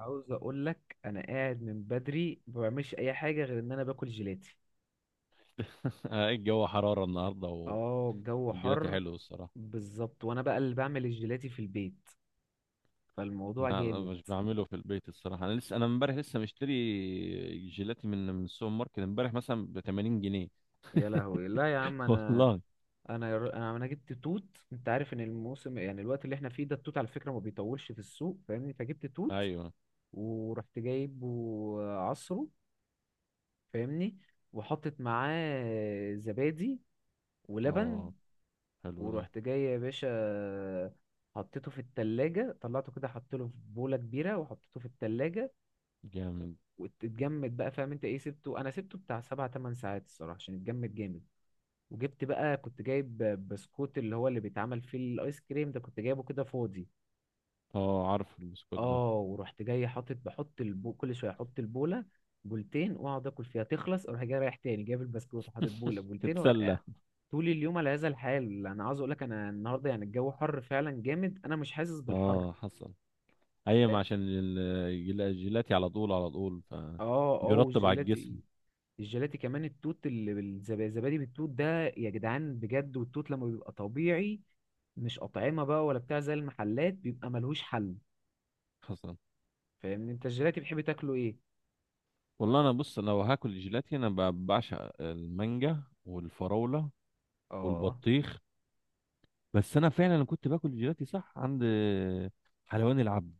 عاوز اقول لك انا قاعد من بدري، ما بعملش اي حاجه غير ان انا باكل جيلاتي. الجو حرارة النهاردة. اه، الجو والجيلاتي حر. حلو الصراحة. بالظبط، وانا بقى اللي بعمل الجيلاتي في البيت، فالموضوع لا لا، جامد. مش بعمله في البيت الصراحة. أنا امبارح لسه مشتري جيلاتي من السوبر ماركت امبارح، مثلا ب 80 جنيه. يا لهوي، لا يا عم. انا والله. انا جبت توت. انت عارف ان الموسم، يعني الوقت اللي احنا فيه ده، التوت على فكره ما بيطولش في السوق، فاهمني؟ فجبت توت. أيوه. ورحت جايب وعصره، فاهمني، وحطيت معاه زبادي ولبن. أه، حلو ده. ورحت جاي يا باشا، حطيته في التلاجة، طلعته كده، حطيته في بولة كبيرة وحطيته في التلاجة. جامد. واتجمد بقى، فاهم انت ايه؟ سبته، انا سبته بتاع سبع تمن ساعات الصراحة عشان اتجمد جامد. وجبت بقى، كنت جايب بسكوت، اللي هو اللي بيتعمل فيه الايس كريم ده، كنت جايبه كده فاضي. أه، عارف البسكوت ده. اه، ورحت جاي حاطط بحط البو، كل شويه احط البوله، بولتين، واقعد اكل فيها، تخلص اروح جاي رايح تاني جايب البسكوت وحاطط بوله بولتين ورقع. تتسلى. طول اليوم على هذا الحال. انا عاوز اقول لك انا النهارده يعني الجو حر فعلا جامد، انا مش حاسس بالحر. أه حصل أيام فاهم؟ عشان الجيلاتي على طول على طول، ف اه، اه، بيرطب على الجسم. والجيلاتي الجيلاتي كمان التوت اللي الزبادي بالتوت ده، يا جدعان بجد، والتوت لما بيبقى طبيعي، مش أطعمة بقى ولا بتاع زي المحلات، بيبقى ملهوش حل. حصل. فاهمني، انت الجيلاتي بتحب تاكله ايه؟ والله أنا بص، أنا لو هاكل جيلاتي أنا بعشق المانجا والفراولة اه، والبطيخ. بس انا فعلا كنت باكل جيلاتي صح عند حلواني العبد.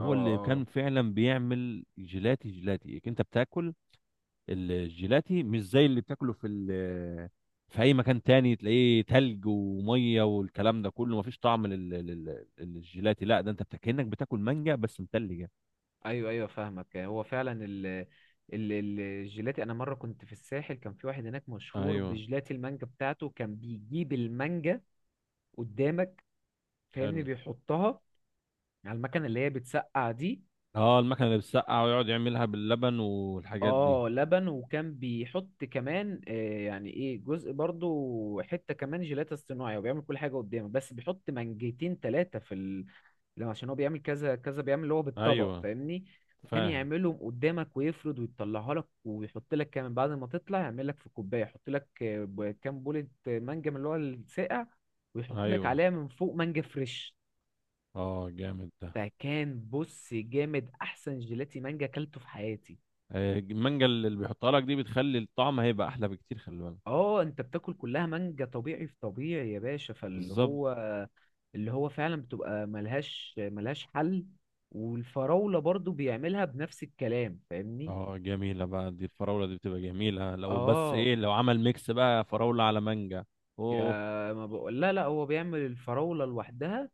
اه، اللي كان اه. فعلا بيعمل جيلاتي. جيلاتي انت بتاكل؟ الجيلاتي مش زي اللي بتاكله في اي مكان تاني، تلاقيه تلج وميه والكلام ده كله، مفيش طعم للجيلاتي. لا ده انت كأنك بتاكل مانجا بس متلجه. ايوه ايوه، فاهمك. هو فعلا الجيلاتي انا مره كنت في الساحل، كان في واحد هناك مشهور ايوه. بجيلاتي المانجا بتاعته، كان بيجيب المانجا قدامك، فاهمني، حلو. بيحطها على المكنه اللي هي بتسقع دي. اه المكنه اللي بتسقع، ويقعد يعملها باللبن والحاجات دي. اه لبن، وكان بيحط كمان يعني ايه، جزء برضو حتة كمان جيلاتة صناعي، وبيعمل كل حاجة قدامه، بس بيحط منجتين ثلاثة في ال... لو عشان هو بيعمل كذا كذا، بيعمل اللي هو بالطبق، ايوه فاهمني. وكان فاهم. يعملهم قدامك ويفرد ويطلعها لك، ويحط لك كمان بعد ما تطلع، يعمل لك في كوباية يحط لك كام بولة مانجا من اللي هو الساقع. ويحط لك ايوه. عليها من فوق مانجا فريش. اه جامد ده. فكان، بص، جامد، احسن جيلاتي مانجا اكلته في حياتي. المانجا اللي بيحطها لك دي بتخلي الطعم هيبقى احلى بكتير، خلي بالك. اه، انت بتاكل كلها مانجا طبيعي في طبيعي يا باشا، فاللي بالظبط. هو، اللي هو فعلا بتبقى ملهاش حل. والفراولة برضو بيعملها بنفس الكلام، فاهمني. اه جميله بقى دي، الفراوله دي بتبقى جميله. لو بس اه، ايه، لو عمل ميكس بقى فراوله على مانجا. اوه. يا ما بقول. لا لا، هو بيعمل الفراولة لوحدها.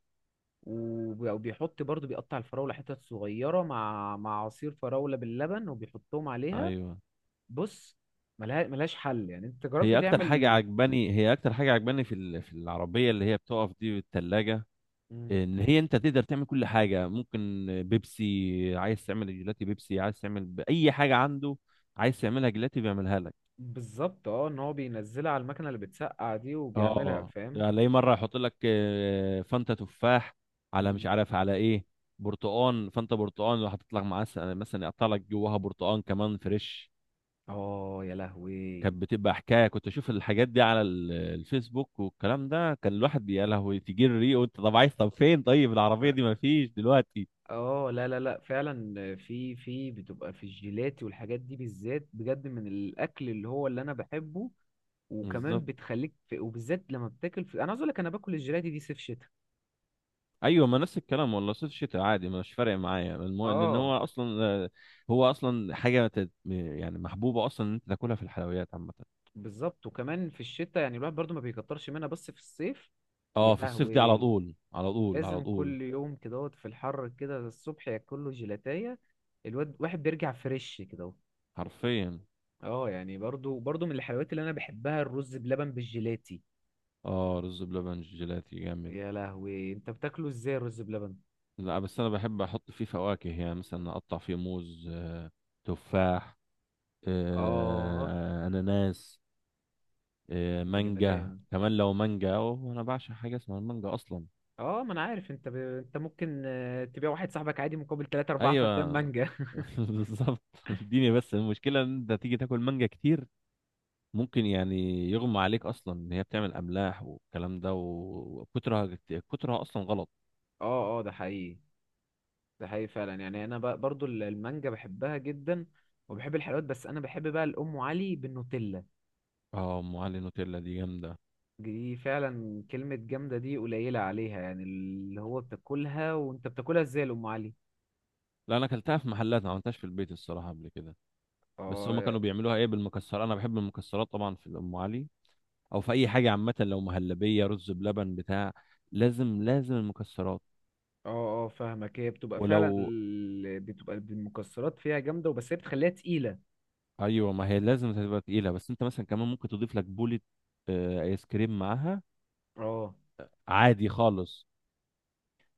وبيحط برضو، بيقطع الفراولة حتت صغيرة مع عصير فراولة باللبن، وبيحطهم عليها. ايوه. بص، ملهاش حل، يعني انت جربت تعمل؟ هي اكتر حاجه عجباني في العربيه اللي هي بتقف دي بالثلاجه، مم. ان هي انت تقدر تعمل كل حاجه ممكن. بيبسي عايز تعمل جيلاتي بيبسي، عايز تعمل اي حاجه عنده عايز تعملها جيلاتي، بيعملها لك. بالظبط، اه، ان هو بينزلها على المكنه اللي بتسقع دي وبيعملها، اه فاهم؟ هتلاقيه مره يحط لك فانتا تفاح، على مش مم. عارف على ايه. برتقان، فانتا برتقان. لو هتطلع معاه مثلا يقطع لك جواها برتقان كمان فريش. اه، يا لهوي، كانت بتبقى حكايه. كنت اشوف الحاجات دي على الفيسبوك والكلام ده، كان الواحد يا لهوي تيجي الريق. وانت طب عايز، طب فين طيب العربيه دي؟ ما فيش دلوقتي. اه، لا لا لا، فعلا في بتبقى في الجيلاتي والحاجات دي بالذات بجد من الاكل اللي هو اللي انا بحبه. بالظبط. وكمان بتخليك في، وبالذات لما بتاكل في، انا عاوز اقول لك انا باكل الجيلاتي دي صيف شتاء. ايوه ما نفس الكلام والله، صيف شتاء عادي، مش فارق معايا لان اه، هو اصلا حاجه يعني محبوبه اصلا، ان انت تاكلها في الحلويات عامه. بالظبط، وكمان في الشتاء يعني الواحد برضو ما بيكترش منها، بس في الصيف. يا اه في الصيف دي على لهوي، طول على طول على لازم طول. كل يوم كده في الحر كده الصبح ياكل له جيلاتية، الواد واحد بيرجع فريش كده. حرفيا. اه، يعني برضو من الحلويات اللي انا بحبها الرز بلبن بالجيلاتي. اه رز بلبن جيلاتي جامد. يا لهوي، انت بتاكله ازاي الرز بلبن؟ لا بس انا بحب احط فيه فواكه، يعني مثلا اقطع فيه موز، تفاح، اه، اناناس، ده جمدان. مانجا كمان. لو مانجا اوه، انا بعشق حاجه اسمها المانجا اصلا. اه، ما انا عارف، انت ب... انت ممكن تبيع واحد صاحبك عادي مقابل 3 4 فدان ايوه. مانجا. بالظبط. اديني. بس المشكله ان انت تيجي تاكل مانجا كتير، ممكن يعني يغمى عليك اصلا، ان هي بتعمل املاح والكلام ده. وكترها، كترها اصلا غلط. اه، اه، ده حقيقي، ده حقيقي فعلا، يعني انا بقى برضو المانجا بحبها جدا. وبحب الحلويات، بس انا بحب بقى الام علي بالنوتيلا. اه ام علي نوتيلا دي جامده. دي فعلا كلمة جامدة، دي قليلة عليها يعني اللي هو بتاكلها، وانت بتاكلها ازاي يا ام علي؟ لا انا اكلتها في محلات، ما عملتهاش في البيت الصراحه قبل كده. بس هما اه، كانوا بيعملوها ايه، بالمكسرات. انا بحب المكسرات طبعا في ام علي، او في اي حاجه عامه، لو مهلبيه رز بلبن بتاع، لازم لازم المكسرات. اه، اه، فاهمك، هي بتبقى فعلا ولو. بتبقى المكسرات فيها جامدة، وبس هي بتخليها تقيلة. ايوه ما هي لازم تبقى تقيله. بس انت مثلا كمان ممكن تضيف لك بوله ايس كريم معاها اه، عادي خالص.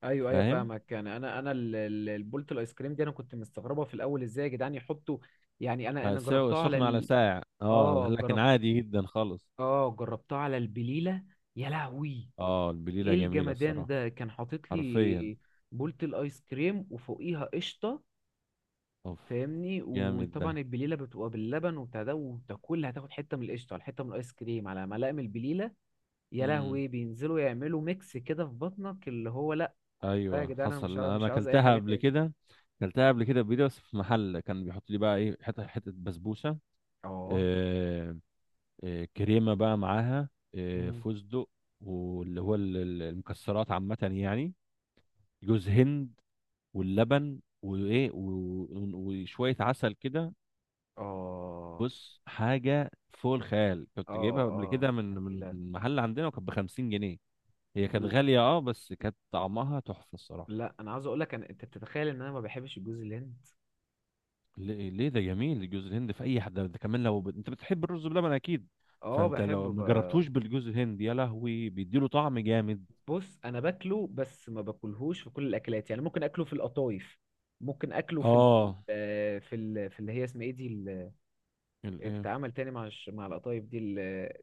ايوه ايوه، فاهم. فاهمك، يعني انا البولت الايس كريم دي انا كنت مستغربة في الاول ازاي يا جدعان يحطوا. يعني انا انا جربتها على سخنه على ال... ساعه، اه اه، لكن جربت، عادي جدا خالص. اه، جربتها على البليلة. يا لهوي، اه البليله ايه جميله الجمدان الصراحه. ده؟ كان حاطط حرفيا. لي بولت الايس كريم وفوقيها قشطة. اوف. فاهمني، جامد ده. وطبعا البليله بتبقى باللبن وبتاع ده، وتاكل هتاخد حته من القشطه على حته من الايس كريم على ملقه من البليله. يا امم. لهوي، بينزلوا يعملوا ميكس كده في بطنك اللي هو، لا لا يا ايوه جدعان، انا حصل، انا مش عاوز اي اكلتها حاجه قبل تاني. كده. اكلتها قبل كده بيدي. بس في محل كان بيحط لي بقى ايه، حته حته بسبوسه، اه، آه، كريمه بقى معاها، مم. فستق، واللي هو المكسرات عامه يعني، جوز هند، واللبن، وايه، وشويه عسل كده. اه، بص حاجه فوق الخيال. كنت اه، جايبها قبل اه، كده من جميله محل عندنا، وكانت ب 50 جنيه. هي كانت ال- غاليه، اه، بس كانت طعمها تحفه الصراحه. لا، انا عاوز اقول لك انا، انت بتتخيل ان انا ما بحبش الجوز الهند. ليه ليه، ده جميل جوز الهند في اي حد. ده كمان لو انت بتحب الرز بلبن اكيد، اه، فانت لو بحبه ب... ما جربتوش بالجوز الهند، يا لهوي بيديله طعم جامد. بص انا باكله بس ما باكلهوش في كل الاكلات، يعني ممكن اكله في القطايف. ممكن اكله في ال... اه. في ال... في اللي هي اسمها ايه دي، الايه؟ بتتعامل تاني مع الش... مع القطايف دي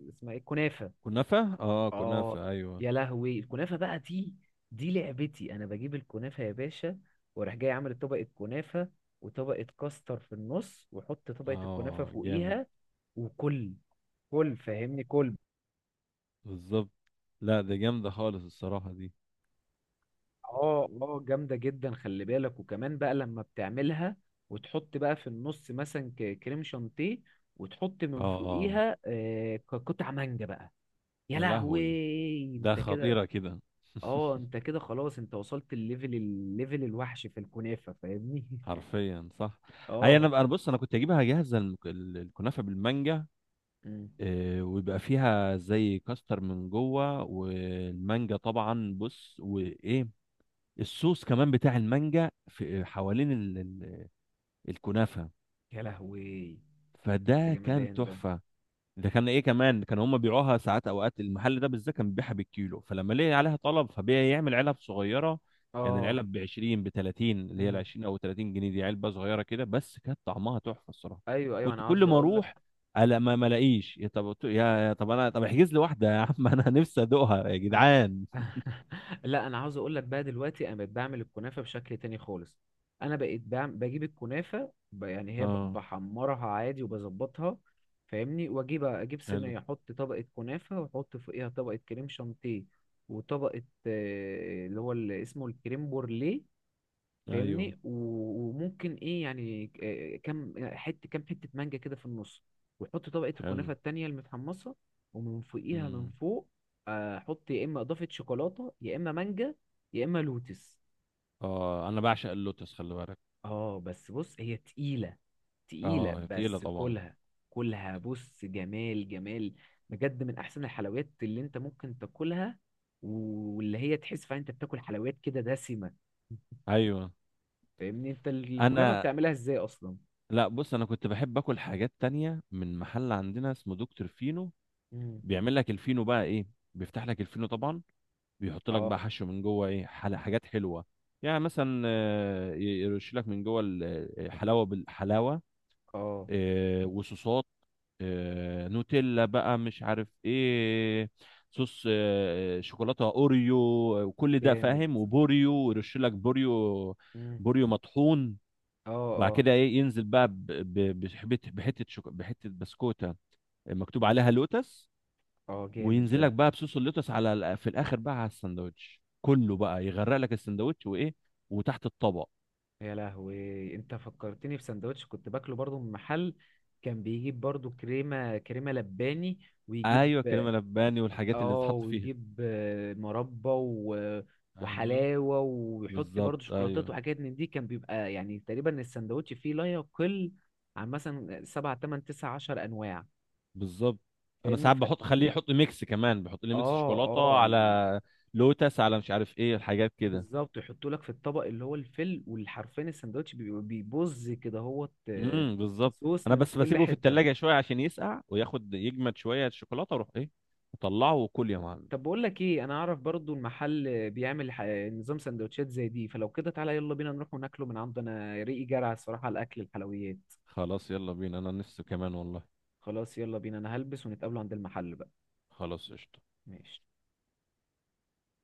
اللي اسمها ايه، الكنافه. كنافه. اه اه، كنافه ايوه. يا لهوي، الكنافه بقى دي، دي لعبتي، انا بجيب الكنافه يا باشا. واروح جاي عامل طبقه كنافه، وطبقه كاستر في النص، واحط طبقه الكنافه اه جامد. فوقيها، وكل، كل فاهمني كل. بالظبط. لا ده جامده خالص الصراحه دي. اه، اه، جامده جدا خلي بالك. وكمان بقى لما بتعملها، وتحط بقى في النص مثلا كريم شانتيه، وتحط اه من اه. فوقيها قطع مانجا بقى. يا يا لهوي. لهوي، ده انت كده، خطيره كده. اه، انت كده خلاص، انت وصلت الليفل الوحش في الكنافة، فاهمني. حرفيا صح. اي انا اه، انا بص انا كنت اجيبها جاهزه الكنافه بالمانجا، مم. ويبقى فيها زي كاستر من جوه، والمانجا طبعا. بص وايه، الصوص كمان بتاع المانجا في حوالين الكنافه. يا لهوي، انت فده كان جمدان ده. تحفه. ده كان ايه كمان، كان هم بيبيعوها ساعات اوقات. المحل ده بالذات كان بيبيعها بالكيلو، فلما لقي عليها طلب فبيعمل علب صغيره، يعني اه، العلب ب 20 ب 30، اللي هي ال مم. 20 او 30 جنيه دي، علبه صغيره كده، بس كانت طعمها تحفه الصراحه. ايوه ايوه، كنت انا كل عاوز ما اقول اروح الا ما الاقيش. يا طب، يا طب انا، طب احجز لي واحده يا عم. انا نفسي ادوقها يا لك. جدعان. لا، انا عاوز اقول لك بقى دلوقتي انا بقيت بعمل الكنافه بشكل تاني خالص. انا بقيت بعم... بجيب الكنافه ب... يعني هي اه بحمرها عادي وبظبطها. فاهمني، واجيب حلو. صينيه، احط طبقه كنافه، واحط فوقيها طبقه كريم شانتيه، وطبقه اللي هو اللي اسمه الكريم بورليه. ايوه فاهمني، و- وممكن ايه يعني، كام حته كام حته مانجا كده في النص، وحط طبقه حلو. الكنافه التانية المتحمصه، ومن فوقيها من امم. فوق حط، يا اما اضافه شوكولاته يا اما مانجا يا اما لوتس. اه انا بعشق اللوتس خلي بالك. اه، بس بص هي تقيله، تقيله اه تقيله بس طبعا. كلها، كلها بص، جمال جمال، بجد من احسن الحلويات اللي انت ممكن تاكلها، واللي هي تحس فعلا انت بتاكل حلويات كده دسمه. ايوه. فاهمني، انت الكنافه انا بتعملها ازاي اصلا؟ لا بص، انا كنت بحب اكل حاجات تانية من محل عندنا اسمه دكتور فينو. مم. بيعمل لك الفينو بقى ايه، بيفتح لك الفينو طبعا، بيحط لك اه، بقى حشو من جوه ايه، حاجات حلوه، يعني مثلا يرش لك من جوه الحلاوه بالحلاوه، اه، وصوصات، نوتيلا بقى مش عارف ايه، صوص شوكولاته، اوريو وكل ده جامد. فاهم، وبوريو، ويرش لك بوريو، مم. بوريو مطحون. اه، وبعد اه، كده ايه، ينزل بقى بحته بسكوته مكتوب عليها لوتس، اه، جامد وينزل ده. لك بقى بصوص اللوتس في الاخر بقى على السندوتش كله، بقى يغرق لك السندوتش وايه، وتحت الطبق. يا لهوي، انت فكرتني في سندوتش كنت باكله برضو من محل، كان بيجيب برضو كريمة لباني، ويجيب. ايوه كريمه لباني والحاجات اللي اه، بتتحط فيها. ويجيب مربى و... ايوه. وحلاوة، ويحط بالظبط برضو شوكولاتات ايوه. وحاجات من دي، كان بيبقى يعني تقريبا السندوتش فيه لا يقل عن مثلا سبعة تمن 19 أنواع. بالظبط. انا فاهمني، ساعات ف... بحط، خليه يحط ميكس كمان، بحط لي ميكس اه، شوكولاته اه، على لوتس، على مش عارف ايه الحاجات كده. بالظبط، يحطوا لك في الطبق اللي هو الفل والحرفين، السندوتش بيبقى بيبظ كده هوت، بالظبط. صوص انا من بس كل بسيبه في حتة. التلاجة شويه عشان يسقع وياخد يجمد شويه الشوكولاته، اروح ايه اطلعه، وكل يا معلم. طب بقول لك ايه؟ انا اعرف برضو المحل بيعمل نظام سندوتشات زي دي، فلو كده تعالى، يلا بينا نروح وناكله من عنده، انا ريقي جرى الصراحة على الاكل، الحلويات. خلاص يلا بينا، انا نفسي كمان والله. خلاص يلا بينا، انا هلبس ونتقابلوا عند المحل بقى. خلاص قشطة. ماشي.